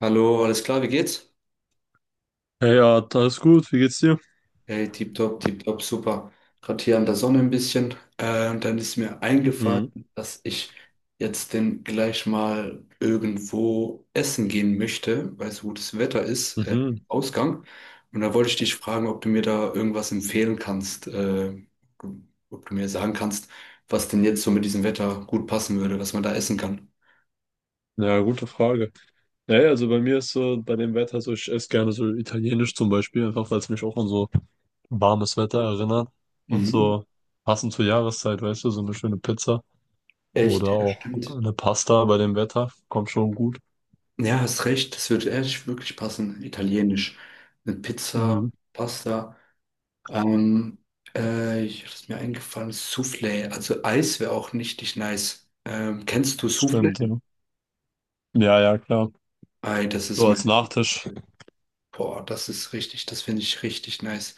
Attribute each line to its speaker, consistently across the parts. Speaker 1: Hallo, alles klar, wie geht's?
Speaker 2: Ja, ja, alles gut, wie geht's dir?
Speaker 1: Hey, tipptopp, tipptopp, super. Gerade hier an der Sonne ein bisschen. Und dann ist mir eingefallen,
Speaker 2: Mhm.
Speaker 1: dass ich jetzt denn gleich mal irgendwo essen gehen möchte, weil so gutes Wetter ist,
Speaker 2: Mhm.
Speaker 1: Ausgang. Und da wollte ich dich fragen, ob du mir da irgendwas empfehlen kannst, ob du mir sagen kannst, was denn jetzt so mit diesem Wetter gut passen würde, was man da essen kann.
Speaker 2: Ja, gute Frage. Ja, also bei mir ist so, bei dem Wetter so, ich esse gerne so italienisch zum Beispiel, einfach weil es mich auch an so warmes Wetter erinnert und
Speaker 1: Mhm.
Speaker 2: so passend zur Jahreszeit, weißt du, so eine schöne Pizza oder
Speaker 1: Echt, ja,
Speaker 2: auch
Speaker 1: stimmt.
Speaker 2: eine Pasta bei dem Wetter, kommt schon gut.
Speaker 1: Ja, hast recht, das würde echt wirklich passen. Italienisch. Eine Pizza,
Speaker 2: Mhm.
Speaker 1: Pasta. Ähm, ich ist mir eingefallen, Soufflé. Also Eis wäre auch richtig nice. Kennst du Soufflé?
Speaker 2: Stimmt, ja. Ja, ja, klar.
Speaker 1: Ei, das ist
Speaker 2: So als
Speaker 1: mein.
Speaker 2: Nachtisch.
Speaker 1: Boah, das ist richtig, das finde ich richtig nice.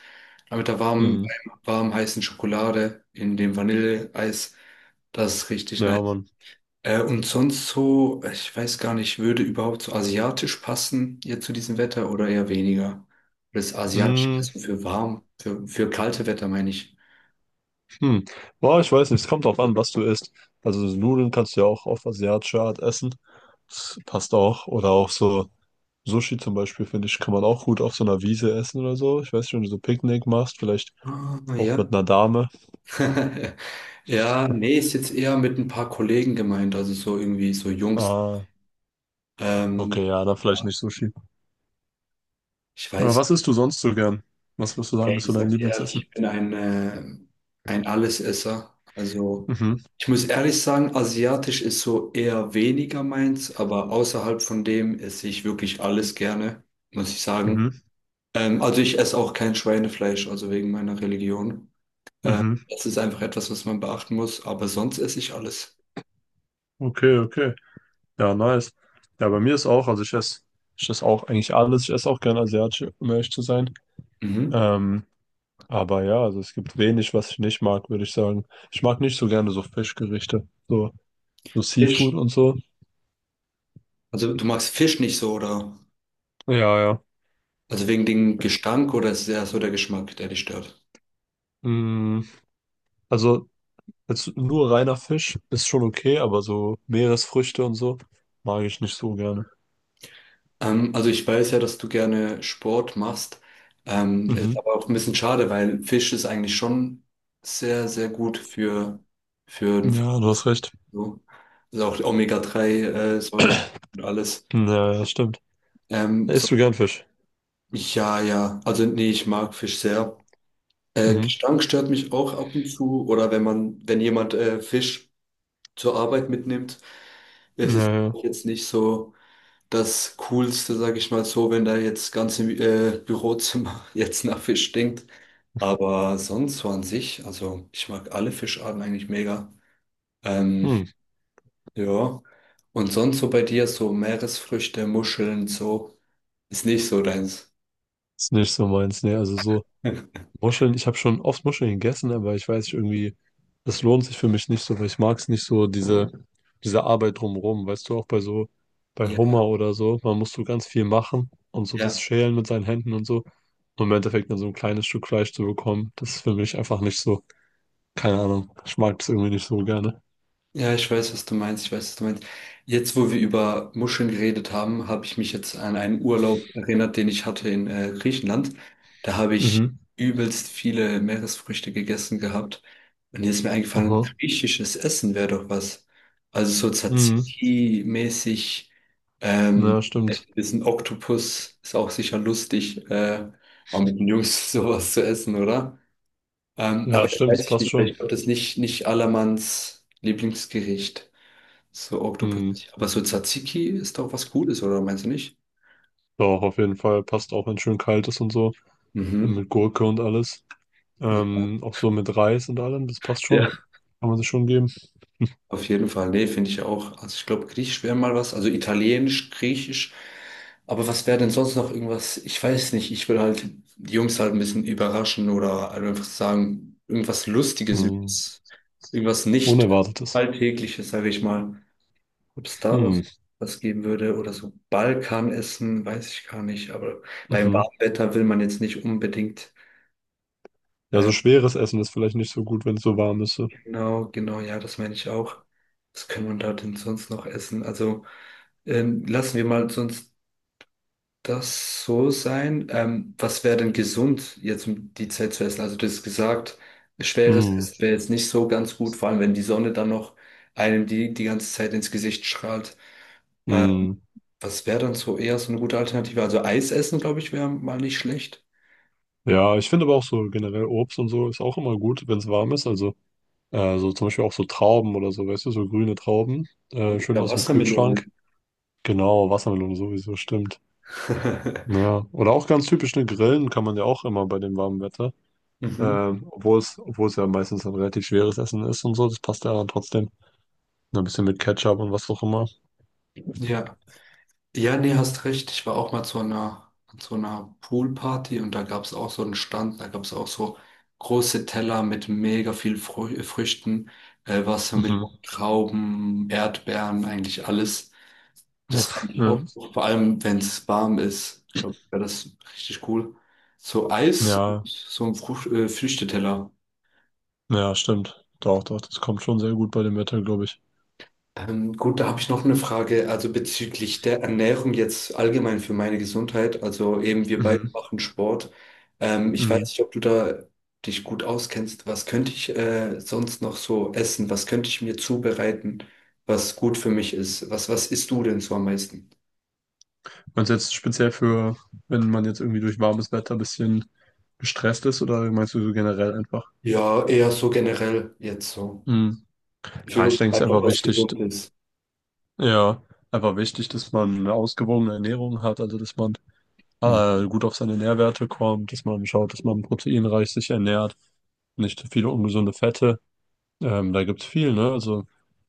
Speaker 1: Aber mit der warmen,
Speaker 2: Mhm.
Speaker 1: warm heißen Schokolade in dem Vanilleeis, das ist richtig
Speaker 2: Ja,
Speaker 1: nice.
Speaker 2: Mann.
Speaker 1: Und sonst so, ich weiß gar nicht, würde überhaupt so asiatisch passen jetzt zu diesem Wetter oder eher weniger? Oder ist asiatisch eher
Speaker 2: Mhm.
Speaker 1: so für warm, für kalte Wetter meine ich.
Speaker 2: Hm. Boah, ich weiß nicht, es kommt drauf an, was du isst. Also so Nudeln kannst du ja auch auf asiatische Art essen. Das passt auch. Oder auch so Sushi zum Beispiel, finde ich, kann man auch gut auf so einer Wiese essen oder so. Ich weiß nicht, wenn du so Picknick machst, vielleicht
Speaker 1: Ah,
Speaker 2: auch
Speaker 1: ja.
Speaker 2: mit einer Dame.
Speaker 1: Ja, nee, ist jetzt eher mit ein paar Kollegen gemeint, also so irgendwie so Jungs.
Speaker 2: Ah,
Speaker 1: Ähm,
Speaker 2: okay, ja, dann vielleicht
Speaker 1: ja,
Speaker 2: nicht Sushi.
Speaker 1: ich
Speaker 2: Aber
Speaker 1: weiß.
Speaker 2: was isst du sonst so gern? Was würdest du
Speaker 1: Ja,
Speaker 2: sagen, ist so
Speaker 1: ich
Speaker 2: dein
Speaker 1: sag dir ehrlich,
Speaker 2: Lieblingsessen?
Speaker 1: ich bin ein Allesesser. Also
Speaker 2: Mhm,
Speaker 1: ich muss ehrlich sagen, asiatisch ist so eher weniger meins, aber außerhalb von dem esse ich wirklich alles gerne, muss ich sagen.
Speaker 2: mhm,
Speaker 1: Also ich esse auch kein Schweinefleisch, also wegen meiner Religion.
Speaker 2: mhm.
Speaker 1: Das ist einfach etwas, was man beachten muss, aber sonst esse ich alles.
Speaker 2: Okay, okay. Ja, nice. Ja, bei mir ist auch, also ich esse auch eigentlich alles. Ich esse auch gern asiatisch, um ehrlich zu sein.
Speaker 1: Mhm.
Speaker 2: Ähm, Aber ja, also es gibt wenig, was ich nicht mag, würde ich sagen. Ich mag nicht so gerne so Fischgerichte, so, so Seafood
Speaker 1: Fisch.
Speaker 2: und so.
Speaker 1: Also du magst Fisch nicht so, oder?
Speaker 2: Ja, ja.
Speaker 1: Also wegen dem Gestank oder ist es eher so der Geschmack, der dich stört?
Speaker 2: Mm, also jetzt nur reiner Fisch ist schon okay, aber so Meeresfrüchte und so mag ich nicht so gerne.
Speaker 1: Also ich weiß ja, dass du gerne Sport machst. Mhm. Ist
Speaker 2: Mhm.
Speaker 1: aber auch ein bisschen schade, weil Fisch ist eigentlich schon sehr, sehr gut für ein
Speaker 2: Ja, du
Speaker 1: Fitness.
Speaker 2: hast recht.
Speaker 1: So. Also auch die Omega-3-Säure und alles.
Speaker 2: Ja, ja, stimmt.
Speaker 1: So,
Speaker 2: Isst du gern Fisch?
Speaker 1: ja, ja. Also nee, ich mag Fisch sehr.
Speaker 2: Mhm.
Speaker 1: Gestank stört mich auch ab und zu. Oder wenn man, wenn jemand Fisch zur Arbeit mitnimmt, es ist
Speaker 2: Ja, ja.
Speaker 1: auch jetzt nicht so das Coolste, sage ich mal so, wenn da jetzt ganze Bürozimmer jetzt nach Fisch stinkt. Aber sonst so an sich, also ich mag alle Fischarten eigentlich mega. Ähm,
Speaker 2: Hm.
Speaker 1: ja. Und sonst so bei dir, so Meeresfrüchte, Muscheln, so, ist nicht so deins.
Speaker 2: Ist nicht so meins, ne? Also so. Muscheln, ich habe schon oft Muscheln gegessen, aber ich weiß nicht, irgendwie, das lohnt sich für mich nicht so, weil ich mag es nicht so, diese Arbeit drumherum. Weißt du, auch bei so, bei
Speaker 1: Ja,
Speaker 2: Hummer oder so, man muss so ganz viel machen und so das
Speaker 1: ja.
Speaker 2: Schälen mit seinen Händen und so. Und im Endeffekt dann so ein kleines Stück Fleisch zu bekommen, das ist für mich einfach nicht so, keine Ahnung, ich mag es irgendwie nicht so gerne.
Speaker 1: Ja, ich weiß, was du meinst. Ich weiß, was du meinst. Jetzt, wo wir über Muscheln geredet haben, habe ich mich jetzt an einen Urlaub erinnert, den ich hatte in Griechenland. Da habe ich
Speaker 2: Mhm.
Speaker 1: übelst viele Meeresfrüchte gegessen gehabt. Und jetzt ist mir eingefallen,
Speaker 2: Aha.
Speaker 1: griechisches Essen wäre doch was. Also so
Speaker 2: Mhm.
Speaker 1: Tzatziki-mäßig,
Speaker 2: Ja, stimmt.
Speaker 1: vielleicht ein bisschen Oktopus ist auch sicher lustig, mal mit den Jungs sowas zu essen, oder? Aber
Speaker 2: Ja,
Speaker 1: das
Speaker 2: stimmt, das
Speaker 1: weiß ich
Speaker 2: passt
Speaker 1: nicht, weil
Speaker 2: schon.
Speaker 1: ich glaube, das ist nicht Allermanns Lieblingsgericht. So Oktopus.
Speaker 2: Mhm.
Speaker 1: Aber so Tzatziki ist doch was Gutes, oder meinst du nicht?
Speaker 2: Doch, auf jeden Fall passt auch, wenn es schön kalt ist und so,
Speaker 1: Mhm.
Speaker 2: mit Gurke und alles.
Speaker 1: Ja,
Speaker 2: Auch so mit Reis und allem, das passt schon.
Speaker 1: ja.
Speaker 2: Kann man sich schon geben.
Speaker 1: Auf jeden Fall. Nee, finde ich auch. Also ich glaube, Griechisch wäre mal was. Also Italienisch, Griechisch. Aber was wäre denn sonst noch irgendwas? Ich weiß nicht. Ich würde halt die Jungs halt ein bisschen überraschen oder halt einfach sagen, irgendwas Lustiges,
Speaker 2: Hm.
Speaker 1: irgendwas, irgendwas nicht
Speaker 2: Unerwartetes.
Speaker 1: Alltägliches, sage ich mal, ob es da
Speaker 2: Hm.
Speaker 1: was, was geben würde oder so Balkanessen, weiß ich gar nicht, aber beim
Speaker 2: Mhm.
Speaker 1: warmen Wetter will man jetzt nicht unbedingt.
Speaker 2: Ja, so schweres Essen ist vielleicht nicht so gut, wenn es so warm ist. So.
Speaker 1: Genau, genau, ja, das meine ich auch. Was kann man da denn sonst noch essen? Also lassen wir mal sonst das so sein. Was wäre denn gesund jetzt um die Zeit zu essen? Also du hast gesagt, schweres
Speaker 2: Hm.
Speaker 1: Essen wäre jetzt nicht so ganz gut, vor allem wenn die Sonne dann noch einem die, die ganze Zeit ins Gesicht strahlt.
Speaker 2: Hm.
Speaker 1: Was wäre dann so eher so eine gute Alternative? Also Eis essen, glaube ich, wäre mal nicht schlecht.
Speaker 2: Ja, ich finde aber auch so generell Obst und so ist auch immer gut, wenn es warm ist. Also so zum Beispiel auch so Trauben oder so, weißt du, so grüne Trauben, schön
Speaker 1: Oder
Speaker 2: aus dem
Speaker 1: Wassermelone.
Speaker 2: Kühlschrank. Genau, Wassermelone sowieso, stimmt. Ja, oder auch ganz typisch, ne, Grillen kann man ja auch immer bei dem warmen Wetter.
Speaker 1: Mhm.
Speaker 2: Obwohl es ja meistens ein relativ schweres Essen ist und so, das passt ja dann trotzdem. Ein bisschen mit Ketchup und was auch immer.
Speaker 1: Ja. Ja, nee, hast recht. Ich war auch mal zu einer Poolparty und da gab es auch so einen Stand, da gab es auch so große Teller mit mega viel Früchten, Wassermelonen,
Speaker 2: Mhm.
Speaker 1: Trauben, Erdbeeren, eigentlich alles. Das fand
Speaker 2: Uff,
Speaker 1: ich
Speaker 2: ja.
Speaker 1: auch, vor allem wenn es warm ist, glaube ich, wäre das richtig cool. So Eis und
Speaker 2: Ja,
Speaker 1: so ein Früchteteller.
Speaker 2: ja, stimmt. Doch, doch, das kommt schon sehr gut bei dem Wetter, glaube ich.
Speaker 1: Gut, da habe ich noch eine Frage, also bezüglich der Ernährung jetzt allgemein für meine Gesundheit. Also eben wir beide
Speaker 2: Mhm.
Speaker 1: machen Sport. Ich weiß
Speaker 2: Mhm.
Speaker 1: nicht, ob du da dich gut auskennst. Was könnte ich sonst noch so essen? Was könnte ich mir zubereiten, was gut für mich ist? Was, was isst du denn so am meisten?
Speaker 2: Und jetzt wenn man jetzt irgendwie durch warmes Wetter ein bisschen gestresst ist oder meinst du so generell einfach?
Speaker 1: Ja, eher so generell jetzt so.
Speaker 2: Mhm. Ja,
Speaker 1: Für
Speaker 2: ich denke, es ist
Speaker 1: einfach was Gesundes.
Speaker 2: ja, einfach wichtig, dass man eine ausgewogene Ernährung hat, also dass man
Speaker 1: Mhm.
Speaker 2: gut auf seine Nährwerte kommt, dass man schaut, dass man proteinreich sich ernährt, nicht zu viele ungesunde Fette. Da gibt's viel, ne? Also,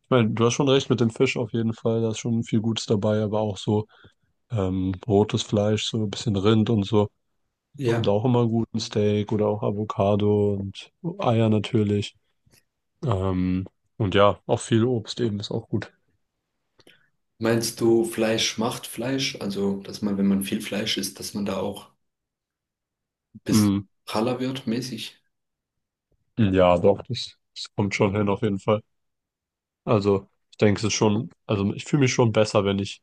Speaker 2: ich meine, du hast schon recht mit dem Fisch auf jeden Fall, da ist schon viel Gutes dabei, aber auch so rotes Fleisch, so ein bisschen Rind und so, kommt
Speaker 1: Ja,
Speaker 2: auch immer gut, ein Steak oder auch Avocado und Eier natürlich. Ähm, und ja, auch viel Obst eben ist auch gut.
Speaker 1: meinst du, Fleisch macht Fleisch? Also, dass man, wenn man viel Fleisch isst, dass man da auch ein bisschen
Speaker 2: Mm,
Speaker 1: praller wird, mäßig?
Speaker 2: ja, doch, das kommt schon hin auf jeden Fall. Also, ich denke, es ist schon, also ich fühle mich schon besser, wenn ich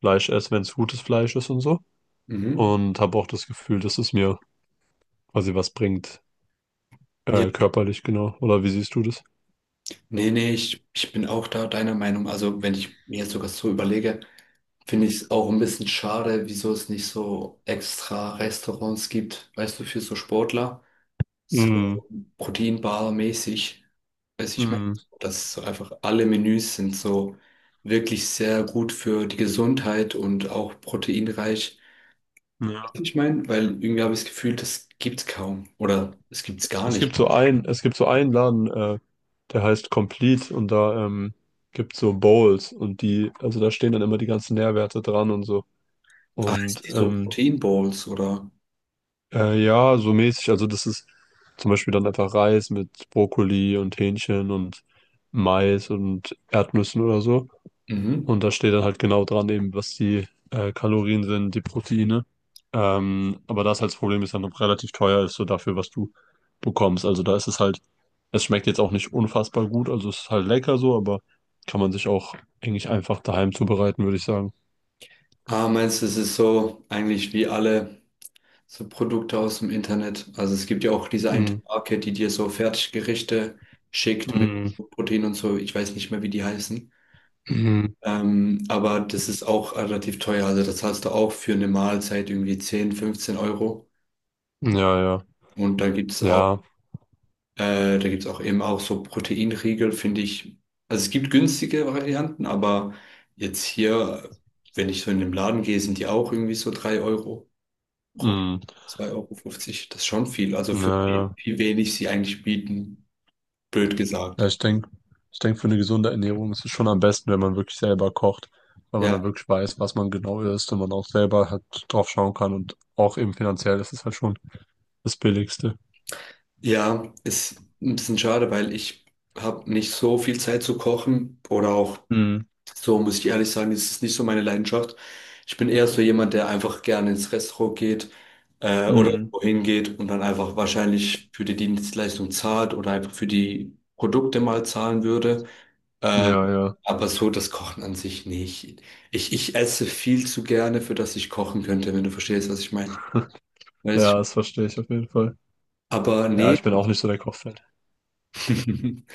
Speaker 2: Fleisch esse, wenn es gutes Fleisch ist und so.
Speaker 1: Mhm.
Speaker 2: Und habe auch das Gefühl, dass es mir quasi was bringt,
Speaker 1: Ja.
Speaker 2: körperlich, genau. Oder wie siehst du das?
Speaker 1: Nee, nee, ich bin auch da deiner Meinung. Also, wenn ich mir jetzt sogar so überlege, finde ich es auch ein bisschen schade, wieso es nicht so extra Restaurants gibt, weißt du, für so Sportler,
Speaker 2: Mhm.
Speaker 1: so Proteinbar-mäßig, weiß ich meine,
Speaker 2: Mhm.
Speaker 1: dass so einfach alle Menüs sind so wirklich sehr gut für die Gesundheit und auch proteinreich.
Speaker 2: Ja.
Speaker 1: Ich meine, weil irgendwie habe ich das Gefühl, das gibt's kaum oder es gibt's gar
Speaker 2: Es gibt
Speaker 1: nicht.
Speaker 2: so ein, es gibt so einen Laden, der heißt Complete und da gibt so Bowls und die, also da stehen dann immer die ganzen Nährwerte dran und so.
Speaker 1: Ah, es
Speaker 2: Und
Speaker 1: gibt so Protein Bowls oder.
Speaker 2: ja, so mäßig, also das ist zum Beispiel dann einfach Reis mit Brokkoli und Hähnchen und Mais und Erdnüssen oder so.
Speaker 1: Mhm.
Speaker 2: Und da steht dann halt genau dran, eben, was die Kalorien sind, die Proteine. Aber das halt das Problem ist, dann noch relativ teuer ist, so dafür, was du bekommst. Also da ist es halt, es schmeckt jetzt auch nicht unfassbar gut, also es ist halt lecker so, aber kann man sich auch eigentlich einfach daheim zubereiten, würde ich sagen.
Speaker 1: Ah, meinst du, es ist so eigentlich wie alle so Produkte aus dem Internet? Also es gibt ja auch diese eine
Speaker 2: Mm,
Speaker 1: Marke, die dir so Fertiggerichte schickt mit
Speaker 2: mm,
Speaker 1: Protein und so. Ich weiß nicht mehr, wie die heißen.
Speaker 2: mm,
Speaker 1: Aber das ist auch relativ teuer. Also das zahlst du auch für eine Mahlzeit irgendwie 10, 15 Euro.
Speaker 2: ja, ja,
Speaker 1: Und
Speaker 2: ja,
Speaker 1: da gibt's auch eben auch so Proteinriegel, finde ich. Also es gibt günstige Varianten, aber jetzt hier, wenn ich so in den Laden gehe, sind die auch irgendwie so 3 Euro. Euro,
Speaker 2: mm,
Speaker 1: 2,50 Euro, fünfzig, das ist schon viel. Also
Speaker 2: ja,
Speaker 1: für we-
Speaker 2: ja.
Speaker 1: wie wenig sie eigentlich bieten, blöd gesagt.
Speaker 2: Ja, ich denk, für eine gesunde Ernährung ist es schon am besten, wenn man wirklich selber kocht, weil man
Speaker 1: Ja,
Speaker 2: dann wirklich weiß, was man genau isst und man auch selber halt drauf schauen kann und auch eben finanziell ist es halt schon das Billigste.
Speaker 1: ja, ist ein bisschen schade, weil ich habe nicht so viel Zeit zu kochen oder auch
Speaker 2: Mhm.
Speaker 1: so, muss ich ehrlich sagen, das ist nicht so meine Leidenschaft. Ich bin eher so jemand, der einfach gerne ins Restaurant geht oder
Speaker 2: Mhm.
Speaker 1: wohin geht und dann einfach wahrscheinlich für die Dienstleistung zahlt oder einfach für die Produkte mal zahlen würde.
Speaker 2: Ja, ja.
Speaker 1: Aber so das Kochen an sich nicht. Ich esse viel zu gerne, für das ich kochen könnte, wenn du verstehst, was ich meine. Weiß
Speaker 2: Ja,
Speaker 1: ich.
Speaker 2: das verstehe ich auf jeden Fall.
Speaker 1: Aber
Speaker 2: Ja, ich
Speaker 1: nee.
Speaker 2: bin auch nicht so der Kochfan.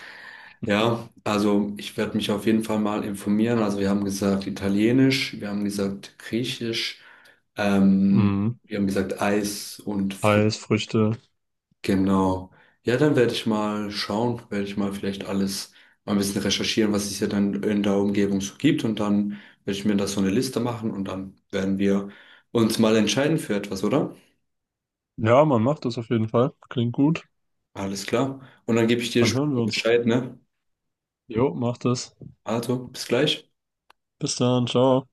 Speaker 1: Ja, also ich werde mich auf jeden Fall mal informieren. Also wir haben gesagt Italienisch, wir haben gesagt Griechisch, ähm,
Speaker 2: Mhm.
Speaker 1: wir haben gesagt Eis und Früchte.
Speaker 2: Reis, Früchte.
Speaker 1: Genau. Ja, dann werde ich mal schauen, werde ich mal vielleicht alles mal ein bisschen recherchieren, was es hier dann in der Umgebung so gibt. Und dann werde ich mir da so eine Liste machen und dann werden wir uns mal entscheiden für etwas, oder?
Speaker 2: Ja, man macht das auf jeden Fall. Klingt gut.
Speaker 1: Alles klar. Und dann gebe ich dir
Speaker 2: Dann hören
Speaker 1: später
Speaker 2: wir uns.
Speaker 1: Bescheid, ne?
Speaker 2: Jo, macht es.
Speaker 1: Also, bis gleich.
Speaker 2: Bis dann, ciao.